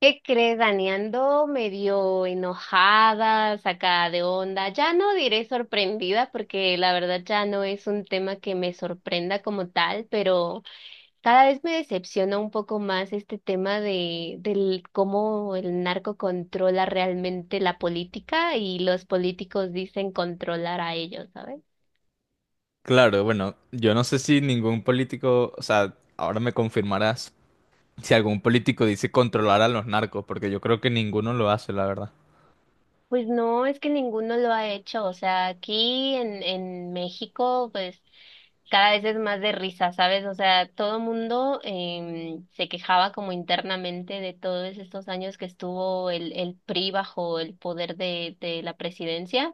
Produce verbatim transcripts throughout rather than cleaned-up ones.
¿Qué crees, Dani? Ando medio enojada, sacada de onda. Ya no diré sorprendida porque la verdad ya no es un tema que me sorprenda como tal, pero cada vez me decepciona un poco más este tema de del cómo el narco controla realmente la política y los políticos dicen controlar a ellos, ¿sabes? Claro, bueno, yo no sé si ningún político, o sea, ahora me confirmarás si algún político dice controlar a los narcos, porque yo creo que ninguno lo hace, la verdad. Pues no, es que ninguno lo ha hecho. O sea, aquí en, en México, pues cada vez es más de risa, ¿sabes? O sea, todo mundo em, se quejaba como internamente de todos estos años que estuvo el, el P R I bajo el poder de, de la presidencia,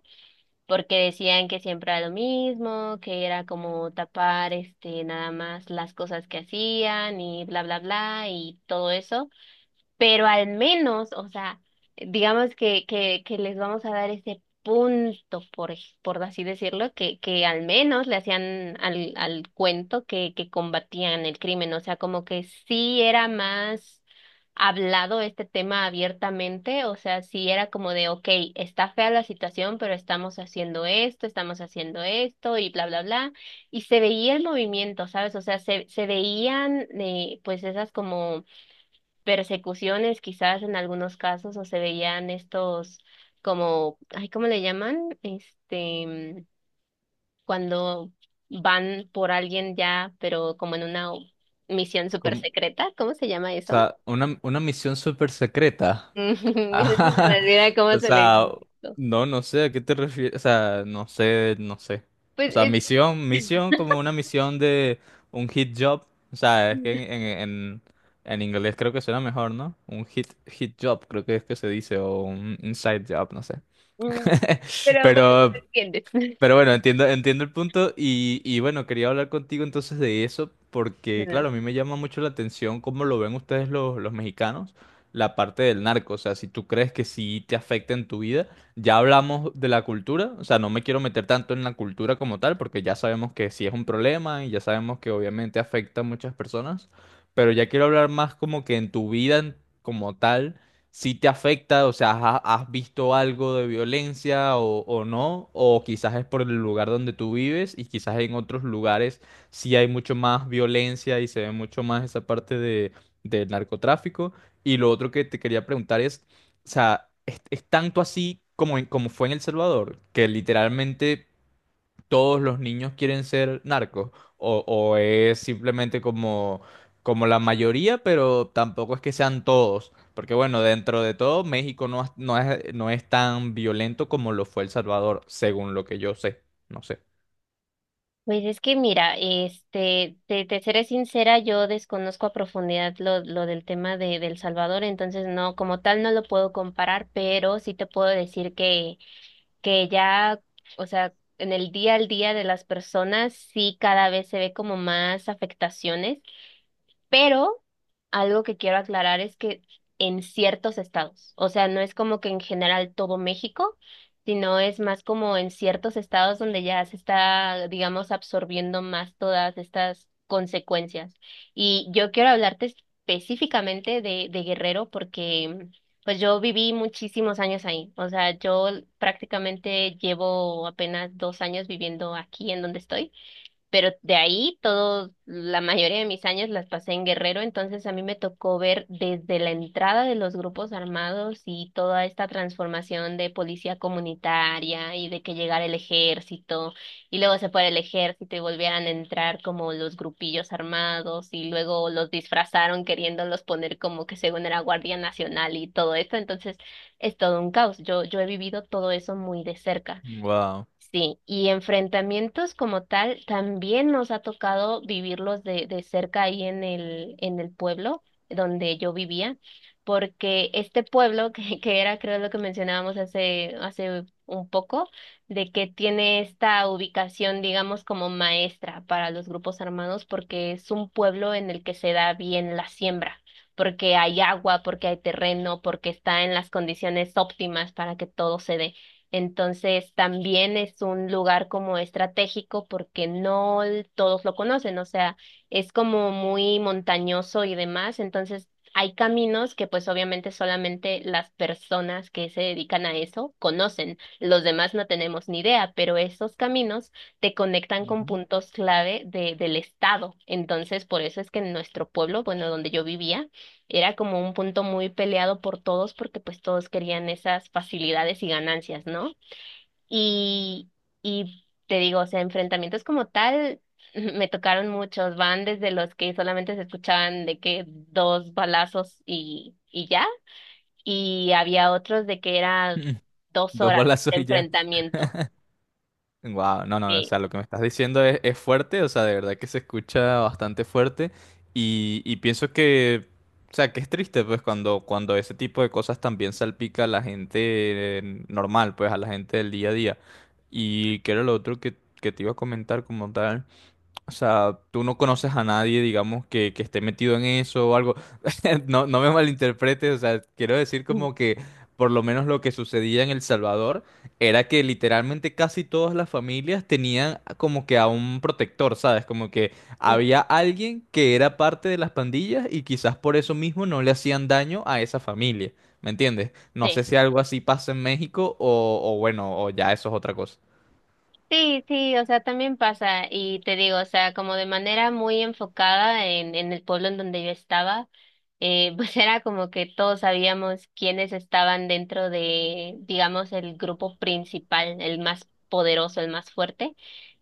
porque decían que siempre era lo mismo, que era como tapar este nada más las cosas que hacían y bla bla bla y todo eso, pero al menos, o sea, digamos que, que, que les vamos a dar ese punto, por, ej- por así decirlo, que, que al menos le hacían al, al cuento que, que combatían el crimen, o sea, como que sí era más hablado este tema abiertamente, o sea, sí era como de, ok, está fea la situación, pero estamos haciendo esto, estamos haciendo esto y bla, bla, bla, y se veía el movimiento, ¿sabes? O sea, se, se veían eh, pues esas como persecuciones quizás en algunos casos o se veían estos como, ay, ¿cómo le llaman? Este, mm, cuando van por alguien ya, pero como en una misión súper Como- secreta, ¿cómo se llama o eso? sea, una, una misión súper secreta. Es que se me Ajá. olvida cómo O se le sea, llama eso. no, no sé, ¿a qué te refieres? O sea, no sé, no sé. O Pues sea, es, misión, misión como una misión de un hit job. O sea, es que en, en, en, en inglés creo que suena mejor, ¿no? Un hit, hit job, creo que es que se dice, o un inside job, no sé. pero bueno, ¿me Pero, entiendes? pero bueno, entiendo, entiendo el punto y, y bueno, quería hablar contigo entonces de eso porque, claro, a mí me llama mucho la atención cómo lo ven ustedes los, los mexicanos, la parte del narco, o sea, si tú crees que sí te afecta en tu vida, ya hablamos de la cultura, o sea, no me quiero meter tanto en la cultura como tal porque ya sabemos que sí es un problema y ya sabemos que obviamente afecta a muchas personas, pero ya quiero hablar más como que en tu vida en- como tal si te afecta, o sea, ¿ha- ¿has visto algo de violencia o, o no? O quizás es por el lugar donde tú vives y quizás en otros lugares sí hay mucho más violencia y se ve mucho más esa parte de, del narcotráfico. Y lo otro que te quería preguntar es, o sea, ¿es, es tanto así como, en- como fue en El Salvador? Que literalmente todos los niños quieren ser narcos o, o es simplemente como, como la mayoría, pero tampoco es que sean todos, porque bueno, dentro de todo México no, es- no es, no es tan violento como lo fue El Salvador, según lo que yo sé, no sé. Pues es que mira, este, te, te seré sincera, yo desconozco a profundidad lo, lo del tema de, de El Salvador, entonces no, como tal no lo puedo comparar, pero sí te puedo decir que, que ya, o sea, en el día al día de las personas sí cada vez se ve como más afectaciones, pero algo que quiero aclarar es que en ciertos estados, o sea, no es como que en general todo México, sino es más como en ciertos estados donde ya se está, digamos, absorbiendo más todas estas consecuencias. Y yo quiero hablarte específicamente de, de Guerrero porque pues yo viví muchísimos años ahí, o sea, yo prácticamente llevo apenas dos años viviendo aquí en donde estoy. Pero de ahí todos, la mayoría de mis años las pasé en Guerrero, entonces a mí me tocó ver desde la entrada de los grupos armados y toda esta transformación de policía comunitaria y de que llegara el ejército y luego se fuera el ejército y volvieran a entrar como los grupillos armados y luego los disfrazaron queriéndolos poner como que según era Guardia Nacional y todo esto, entonces es todo un caos. Yo, yo he vivido todo eso muy de cerca. Wow. Sí, y enfrentamientos como tal también nos ha tocado vivirlos de, de cerca ahí en el, en el pueblo donde yo vivía, porque este pueblo, que, que era creo lo que mencionábamos hace, hace un poco, de que tiene esta ubicación, digamos, como maestra para los grupos armados, porque es un pueblo en el que se da bien la siembra, porque hay agua, porque hay terreno, porque está en las condiciones óptimas para que todo se dé. Entonces, también es un lugar como estratégico porque no l- todos lo conocen, o sea, es como muy montañoso y demás, entonces hay caminos que pues obviamente solamente las personas que se dedican a eso conocen, los demás no tenemos ni idea, pero esos caminos te conectan con Ujú. puntos clave de, del estado, entonces por eso es que en nuestro pueblo, bueno, donde yo vivía, era como un punto muy peleado por todos porque pues todos querían esas facilidades y ganancias, ¿no? Y, y te digo, o sea, enfrentamientos como tal, me tocaron muchos, van desde los que solamente se escuchaban de que dos balazos y, y ya, y había otros de que era dos Dos horas de balazos y ya. enfrentamiento. Wow, no, no, o sea, Sí, lo que me estás diciendo es, es fuerte, o sea, de verdad que se escucha bastante fuerte y, y pienso que, o sea, que es triste, pues, cuando, cuando ese tipo de cosas también salpica a la gente eh, normal, pues, a la gente del día a día. Y que era lo otro que, que te iba a comentar como tal. O sea, tú no conoces a nadie, digamos, que, que esté metido en eso o algo. No, no me malinterpretes, o sea, quiero decir como que por lo menos lo que sucedía en El Salvador era que literalmente casi todas las familias tenían como que a un protector, ¿sabes? Como que había alguien que era parte de las pandillas y quizás por eso mismo no le hacían daño a esa familia, ¿me entiendes? No sé sí. si algo así pasa en México o, o bueno, o ya eso es otra cosa. Sí, sí, o sea, también pasa y te digo, o sea, como de manera muy enfocada en, en el pueblo en donde yo estaba, eh, pues era como que todos sabíamos quiénes estaban dentro de, digamos, el grupo principal, el más poderoso, el más fuerte,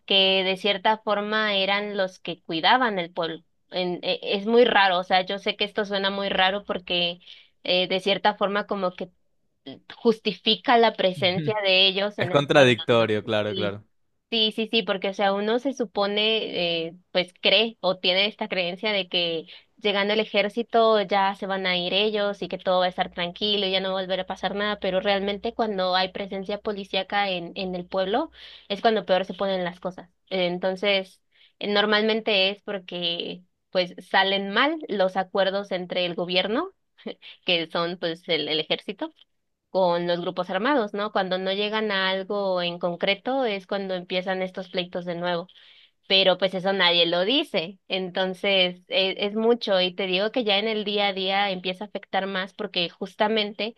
que de cierta forma eran los que cuidaban el pueblo. En- e- es muy raro, o sea, yo sé que esto suena muy raro porque eh, de cierta forma como que justifica la presencia de ellos Es en el pueblo, ¿no? contradictorio, claro, Sí. claro. Sí, sí, sí, porque o sea, uno se supone, eh, pues cree o tiene esta creencia de que llegando el ejército ya se van a ir ellos y que todo va a estar tranquilo y ya no va a volver a pasar nada, pero realmente cuando hay presencia policíaca en, en el pueblo es cuando peor se ponen las cosas. Eh, Entonces, eh, normalmente es porque pues salen mal los acuerdos entre el gobierno, que son pues el el ejército con los grupos armados, ¿no? Cuando no llegan a algo en concreto es cuando empiezan estos pleitos de nuevo, pero pues eso nadie lo dice. Entonces, e- es, mucho y te digo que ya en el día a día empieza a afectar más porque justamente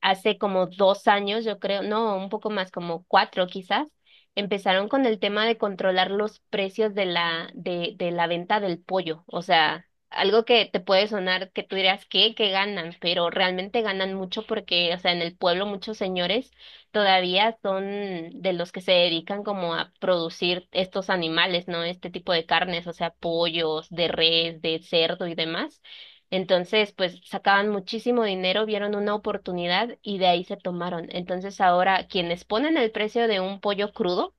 hace como dos años, yo creo, no, un poco más, como cuatro quizás, empezaron con el tema de controlar los precios de la, de, de la venta del pollo. O sea, algo que te puede sonar que tú dirás, ¿qué? ¿Qué ganan? Pero realmente ganan mucho porque, o sea, en el pueblo muchos señores todavía son de los que se dedican como a producir estos animales, ¿no? Este tipo de carnes, o sea, pollos, de res, de cerdo y demás. Entonces, pues sacaban muchísimo dinero, vieron una oportunidad y de ahí se tomaron. Entonces, ahora quienes ponen el precio de un pollo crudo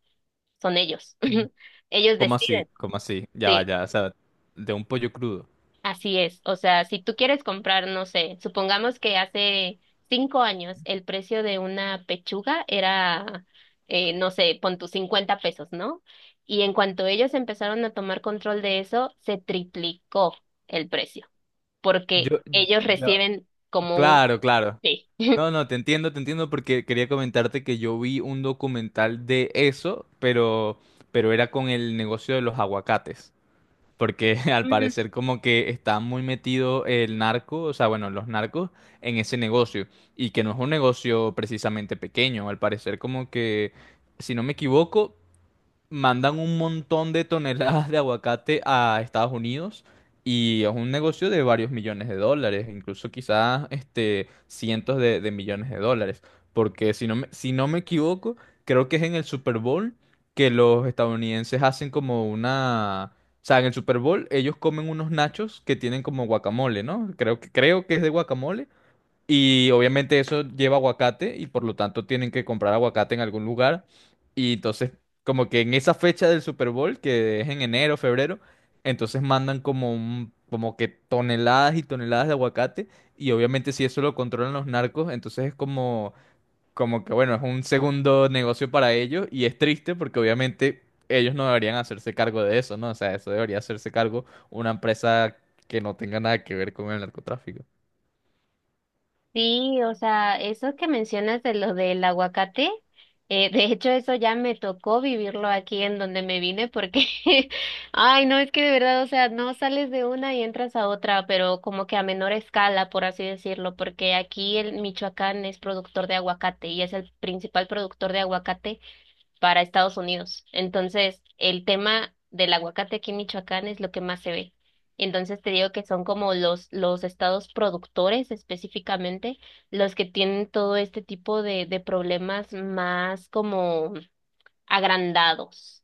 son ellos. Ellos ¿Cómo así? deciden. ¿Cómo así? Ya va, Sí. ya, o sea, de un pollo crudo. Así es, o sea, si tú quieres comprar, no sé, supongamos que hace cinco años el precio de una pechuga era, eh, no sé, pon tus cincuenta pesos, ¿no? Y en cuanto ellos empezaron a tomar control de eso, se triplicó el precio, porque Yo, ellos ya, reciben como un... claro, claro. Sí. No, no, te entiendo, te entiendo porque quería comentarte que yo vi un documental de eso, pero, pero era con el negocio de los aguacates. Porque al parecer como que está muy metido el narco, o sea, bueno, los narcos en ese negocio. Y que no es un negocio precisamente pequeño, al parecer como que, si no me equivoco, mandan un montón de toneladas de aguacate a Estados Unidos y es un negocio de varios millones de dólares, incluso quizás este, cientos de, de millones de dólares, porque si no me, si no me equivoco, creo que es en el Super Bowl que los estadounidenses hacen como una... O sea, en el Super Bowl ellos comen unos nachos que tienen como guacamole, ¿no? Creo que, creo que es de guacamole y obviamente eso lleva aguacate y por lo tanto tienen que comprar aguacate en algún lugar. Y entonces, como que en esa fecha del Super Bowl, que es en enero, febrero, entonces mandan como un, como que toneladas y toneladas de aguacate. Y obviamente si eso lo controlan los narcos, entonces es como, como que bueno, es un segundo negocio para ellos. Y es triste porque obviamente ellos no deberían hacerse cargo de eso, ¿no? O sea, eso debería hacerse cargo una empresa que no tenga nada que ver con el narcotráfico. Sí, o sea, eso que mencionas de lo del aguacate, eh, de hecho eso ya me tocó vivirlo aquí en donde me vine porque, ay, no, es que de verdad, o sea, no sales de una y entras a otra, pero como que a menor escala, por así decirlo, porque aquí el Michoacán es productor de aguacate y es el principal productor de aguacate para Estados Unidos. Entonces, el tema del aguacate aquí en Michoacán es lo que más se ve. Entonces, te digo que son como los, los estados productores específicamente los que tienen todo este tipo de, de problemas más como agrandados.